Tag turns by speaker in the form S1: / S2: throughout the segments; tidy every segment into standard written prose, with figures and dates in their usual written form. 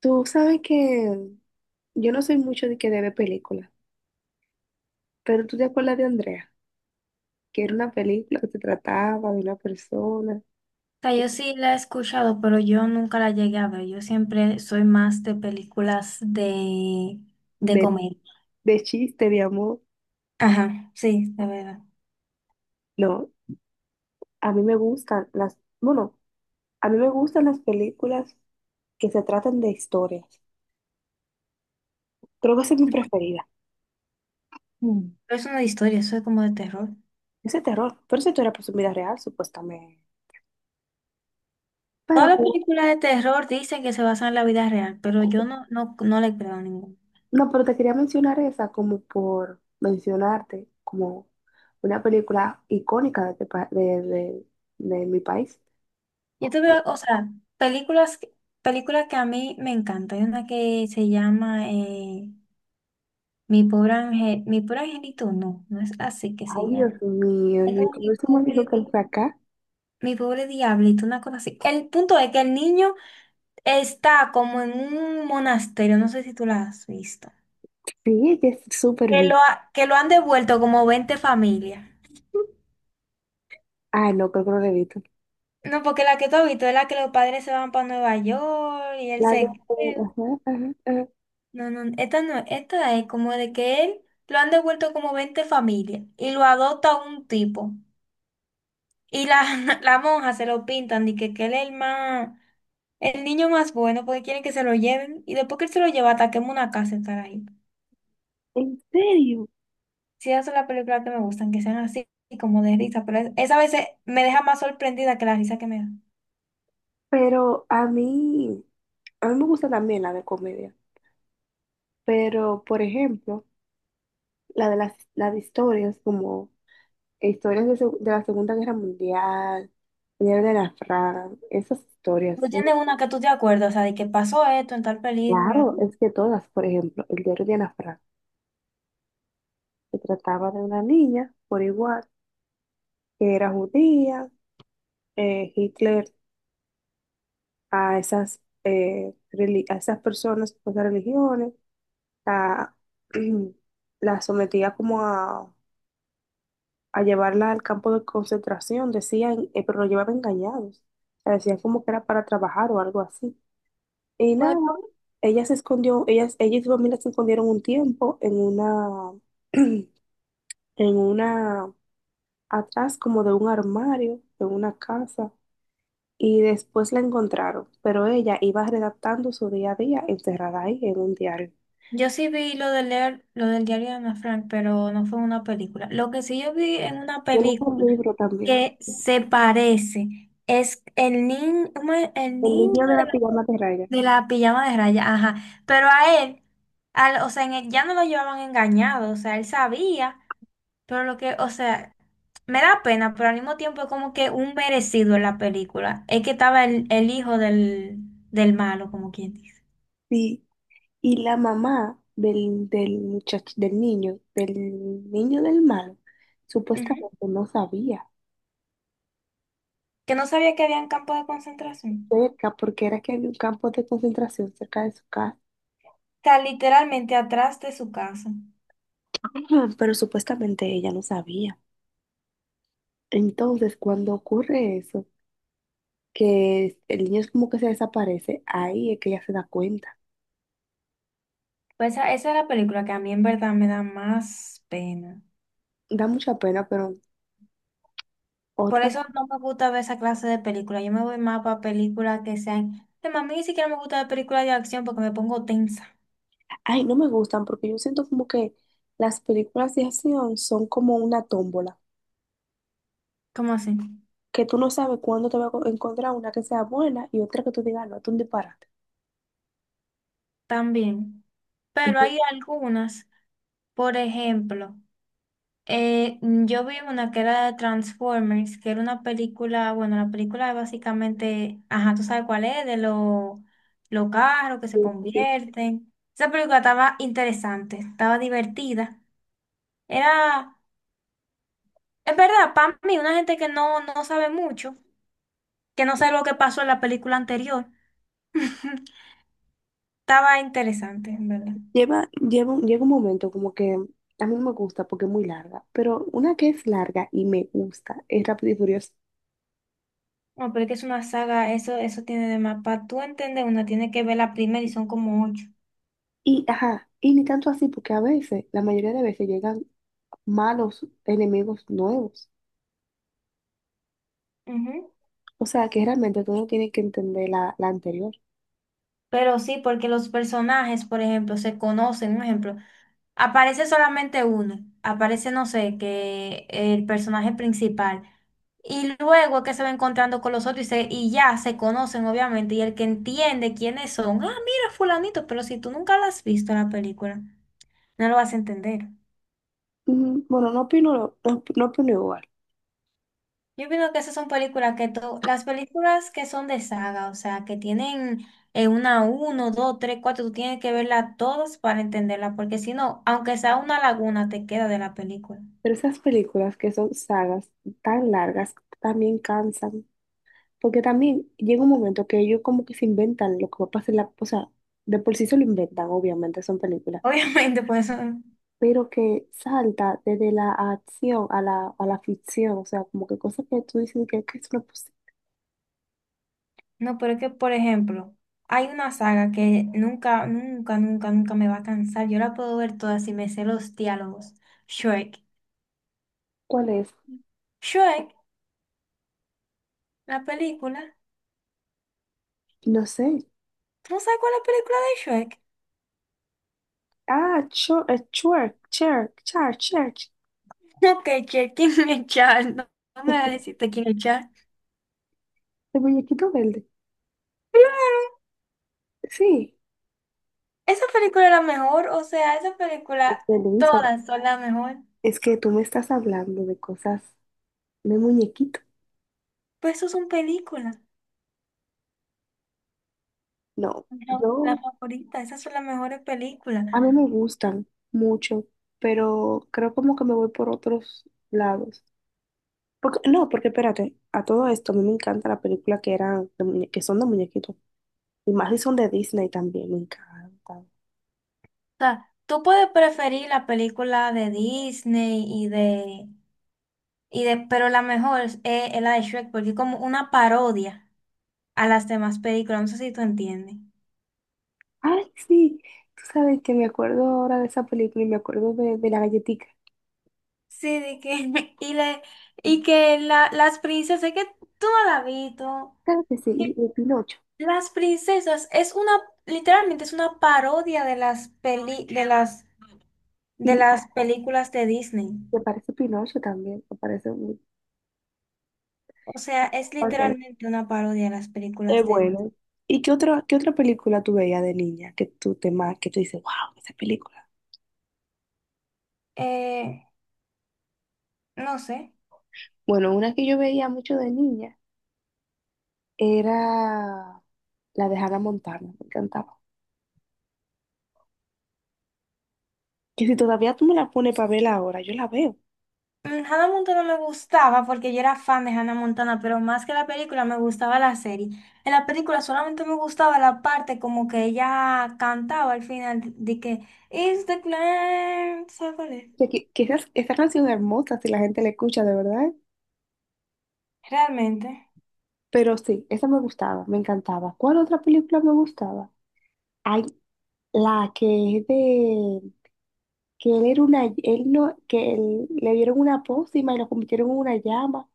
S1: Tú sabes que yo no soy mucho de ver películas, pero tú te acuerdas de Andrea, que era una película que se trataba de una persona,
S2: Sea, yo sí la he escuchado, pero yo nunca la llegué a ver. Yo siempre soy más de películas de
S1: de,
S2: comedia.
S1: de chiste, de amor.
S2: Ajá, sí, de verdad.
S1: No, a mí me gustan las, bueno, a mí me gustan las películas que se tratan de historias. Creo que esa es mi preferida. Mm.
S2: Pero eso no es una historia, eso es como de terror.
S1: Ese terror, pero esa historia pues en vida real, supuestamente. Pero
S2: Todas las películas de terror dicen que se basan en la vida real, pero
S1: con,
S2: yo no, no, no le creo a ninguna.
S1: no, pero te quería mencionar esa como por mencionarte como una película icónica de, este de mi país.
S2: Yo te veo, o sea, películas, que- películas que a mí me encantan. Hay una que se llama Mi pobre Ángel, Mi pobre angelito, no, no es así que se
S1: Ay,
S2: llama.
S1: Dios mío,
S2: Es
S1: Luis,
S2: como
S1: ¿cómo se me dijo que él fue acá?
S2: Mi pobre diablito, una cosa así. El punto es que el niño está como en un monasterio, no sé si tú la has visto,
S1: Sí, que es súper bien.
S2: que lo han devuelto como 20 familias.
S1: Ah, no, creo que no la he visto.
S2: No, porque la que tú has visto es la que los padres se van para Nueva York y él
S1: La de...
S2: se queda.
S1: Ajá, ajá, ajá.
S2: No, no, esta no, esta es como de que él lo han devuelto como 20 familias y lo adopta un tipo. Y la, la monja se lo pintan y que él es el más, el niño más bueno porque quieren que se lo lleven y después que él se lo lleva, ataquemos una casa, estar ahí.
S1: ¿En serio?
S2: Sí, esas son las películas que me gustan, que sean así como de risa, pero esa a veces me deja más sorprendida que la risa que me da.
S1: Pero a mí me gusta también la de comedia. Pero, por ejemplo, la de las, la de historias como... Historias de, de la Segunda Guerra Mundial, el diario de Ana Frank, esas historias
S2: Tú
S1: son,
S2: tienes una que tú te acuerdas, o sea, de que pasó esto en tal película.
S1: claro, es que todas, por ejemplo, el diario de Ana Frank, se trataba de una niña, por igual, que era judía, Hitler a esas, a esas personas, pues, de religiones, la, la sometía como a llevarla al campo de concentración, decían, pero lo llevaban engañados, o sea, decían como que era para trabajar o algo así. Y nada,
S2: Bueno,
S1: ella se escondió, ella y su familia se escondieron un tiempo en una, en una, atrás como de un armario, en una casa, y después la encontraron, pero ella iba redactando su día a día encerrada ahí en un diario.
S2: yo sí vi lo de leer, lo del diario de Ana Frank, pero no fue una película. Lo que sí yo vi en una
S1: Yo leí
S2: película
S1: un libro también,
S2: que se parece es el
S1: el
S2: niño
S1: niño de la pijama de raya.
S2: de la pijama de raya, ajá. Pero a él, o sea, en él ya no lo llevaban engañado, o sea, él sabía. Pero lo que, o sea, me da pena, pero al mismo tiempo es como que un merecido en la película. Es que estaba el hijo del malo, como quien dice.
S1: Sí, y la mamá del, del muchacho, del niño, del niño del malo,
S2: Ujú.
S1: supuestamente no sabía.
S2: Que no sabía que había un campo de concentración.
S1: Cerca porque era que había un campo de concentración cerca de su casa,
S2: Está literalmente atrás de su casa.
S1: pero supuestamente ella no sabía. Entonces, cuando ocurre eso, que el niño es como que se desaparece, ahí es que ella se da cuenta.
S2: Pues esa es la película que a mí en verdad me da más pena.
S1: Da mucha pena, pero
S2: Por
S1: otra,
S2: eso no me gusta ver esa clase de película. Yo me voy más para películas que sean... Además, a mí ni siquiera me gusta ver películas de acción porque me pongo tensa.
S1: ay, no me gustan porque yo siento como que las películas de acción son como una tómbola,
S2: ¿Cómo así?
S1: que tú no sabes cuándo te va a encontrar una que sea buena y otra que tú digas, "Ah, no, es un disparate".
S2: También. Pero hay algunas. Por ejemplo, yo vi una que era de Transformers, que era una película, bueno, la película es básicamente, ajá, tú sabes cuál es, de los carros que se convierten. Esa película estaba interesante, estaba divertida. Era, es verdad, para mí, una gente que no, no sabe mucho, que no sabe lo que pasó en la película anterior, estaba interesante, en verdad.
S1: Llega un momento como que a mí no me gusta porque es muy larga, pero una que es larga y me gusta es Rápido y Furioso.
S2: No, pero es que es una saga, eso tiene de mapa. Tú entiendes, una tiene que ver la primera y son como 8.
S1: Y, ajá, y ni tanto así porque a veces, la mayoría de veces llegan malos enemigos nuevos.
S2: Ujú.
S1: O sea que realmente tú no tienes que entender la, la anterior.
S2: Pero sí, porque los personajes, por ejemplo, se conocen. Un ejemplo, aparece solamente uno. Aparece, no sé, que el personaje principal. Y luego es que se va encontrando con los otros y, y ya se conocen, obviamente. Y el que entiende quiénes son, ah, mira, fulanito, pero si tú nunca la has visto la película, no lo vas a entender.
S1: Mm, bueno, no opino, lo- no, op- no opino igual,
S2: Yo pienso que esas son películas que las películas que son de saga, o sea, que tienen uno, dos, tres, cuatro, tú tienes que verlas todas para entenderla, porque si no, aunque sea una laguna, te queda de la película.
S1: pero esas películas que son sagas tan largas también cansan. Porque también llega un momento que ellos como que se inventan lo que va a pasar en la, o sea, de por sí se lo inventan, obviamente, son películas,
S2: Obviamente, por eso,
S1: pero que salta desde la acción a la ficción, o sea, como que cosas que tú dices que es una posible.
S2: no, pero es que, por ejemplo, hay una saga que nunca, nunca, nunca, nunca me va a cansar. Yo la puedo ver toda si me sé los diálogos. Shrek.
S1: ¿Cuál es?
S2: Shrek, la película.
S1: No sé.
S2: ¿Tú no sabes cuál es la película de Shrek?
S1: Ah, Chur, Chur, Chur, Chur, Church.
S2: Ok, Shrek, ¿quién es Charles? No, no me vas a decirte quién es Charles.
S1: El muñequito verde.
S2: Claro,
S1: Sí.
S2: esa película es la mejor, o sea, esa película,
S1: Este, Luisa,
S2: todas son la mejor.
S1: es que tú me estás hablando de cosas de muñequito.
S2: Pues eso son películas,
S1: No,
S2: no, la
S1: yo
S2: favorita, esas son las mejores películas. O
S1: a mí me gustan mucho, pero creo como que me voy por otros lados. Porque, no, porque espérate, a todo esto a mí me encanta la película que que son de muñequitos. Y más si son de Disney también, me encanta.
S2: sea, tú puedes preferir la película de Disney y de, pero la mejor es la de Shrek, porque es como una parodia a las demás películas, no sé si tú entiendes.
S1: Ay, sí, tú sabes que me acuerdo ahora de esa película y me acuerdo de la galletica.
S2: Sí, de que, y, le, y que la, las princesas, es que tú no la has visto.
S1: Claro que sí, y Pinocho.
S2: Las princesas es una, literalmente es una parodia de las peli, de
S1: Y
S2: las películas de Disney.
S1: me parece Pinocho también, me parece muy...
S2: O sea, es literalmente una parodia de las
S1: es
S2: películas de Disney.
S1: bueno. ¿Y qué otra película tú veías de niña que que tú dices, wow, esa película?
S2: Eh, no sé.
S1: Bueno, una que yo veía mucho de niña era la de Hannah Montana, me encantaba. Que si todavía tú me la pones para verla ahora, yo la veo. O
S2: Hannah Montana me gustaba porque yo era fan de Hannah Montana, pero más que la película me gustaba la serie. En la película solamente me gustaba la parte como que ella cantaba al final de que It's the Clan, ¿sabes cuál es?
S1: sea, que, esa canción es hermosa si la gente la escucha de verdad.
S2: Realmente.
S1: Pero sí, esa me gustaba, me encantaba. ¿Cuál otra película me gustaba? Hay la que es de que él era una, él no, que le dieron una pócima y lo convirtieron en una llama,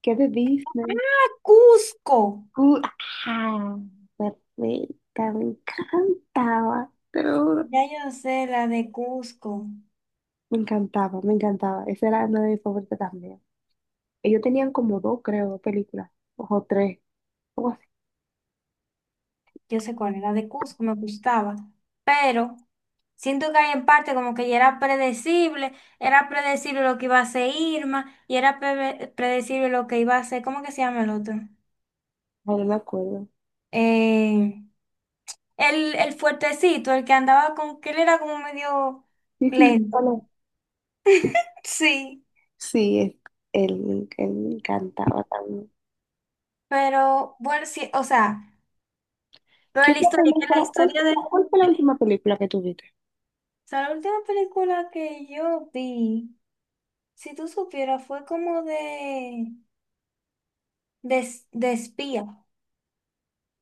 S1: que es de Disney.
S2: ¡Ah, Cusco!
S1: Uh, ah, Perfecta, me encantaba.
S2: Ya yo no sé la de Cusco,
S1: Me encantaba, me encantaba. Esa era una de mis favoritas también. Ellos tenían como dos, creo, dos películas, o tres, algo así.
S2: yo sé cuál era la de Cusco, me gustaba, pero siento que hay en parte como que ya era predecible lo que iba a hacer Irma y era predecible lo que iba a hacer, ¿cómo que se llama el otro?
S1: Ay, no me acuerdo.
S2: Eh, el fuertecito, el que andaba con, que él era como medio
S1: Sí, sí,
S2: lento.
S1: ¿cuál es?
S2: Sí,
S1: Sí, él, él me encantaba también.
S2: pero bueno, sí, o sea, lo
S1: ¿Qué
S2: de la
S1: otra
S2: historia, que la
S1: película? ¿Cuál,
S2: historia de,
S1: cuál fue
S2: o
S1: la última película que tuviste?
S2: sea, la última película que yo vi. Si tú supieras, fue como de espía.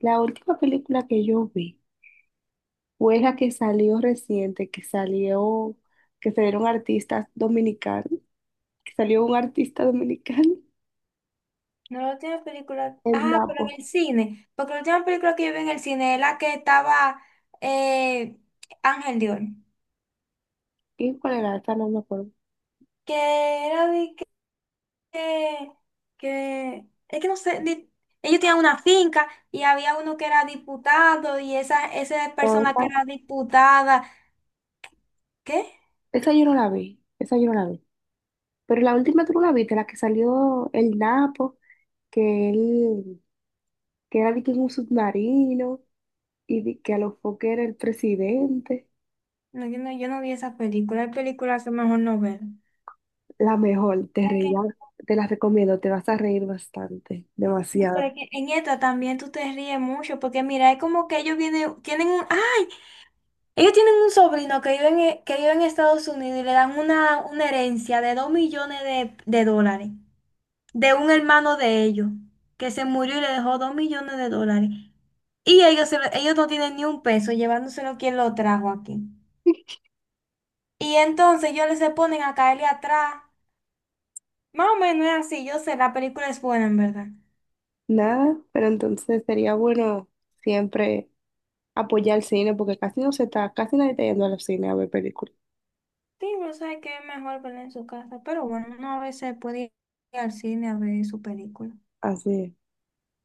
S1: La última película que yo vi fue la que salió reciente, que salió, que salieron artistas dominicanos, que salió un artista dominicano,
S2: No la última película.
S1: el
S2: Ah, pero
S1: Napo.
S2: en el cine. Porque la última película que yo vi en el cine es la que estaba eh, Ángel Dion.
S1: ¿Y cuál era? Esa no me acuerdo.
S2: Que era de que, Es que no sé. Ellos tenían una finca y había uno que era diputado y esa persona que era diputada. ¿Qué?
S1: Esa yo no la vi, esa yo no la vi. Pero la última tú no la viste, la que salió el Napo, que él, que era de que en un submarino y de que a los foques era el presidente.
S2: No, yo no vi esa película. Hay películas que mejor no ver.
S1: La mejor, te
S2: ¿La
S1: reía,
S2: qué?
S1: te la recomiendo, te vas a reír bastante,
S2: No, pero
S1: demasiado.
S2: es que en esta también tú te ríes mucho, porque mira, es como que ellos vienen, ellos tienen un sobrino que vive en, que vive en Estados Unidos y le dan una herencia de dos millones de dólares de un hermano de ellos, que se murió y le dejó 2 millones de dólares. Y ellos, ellos no tienen ni un peso, llevándoselo quien lo trajo aquí. Y entonces ellos se ponen a caerle atrás. Más o menos es así, yo sé, la película es buena en verdad.
S1: Nada, pero entonces sería bueno siempre apoyar el cine, porque casi no se está, casi nadie está yendo al cine a ver películas.
S2: Sí, no sé qué es mejor verla en su casa, pero bueno, uno a veces puede ir al cine a ver su película.
S1: Así es.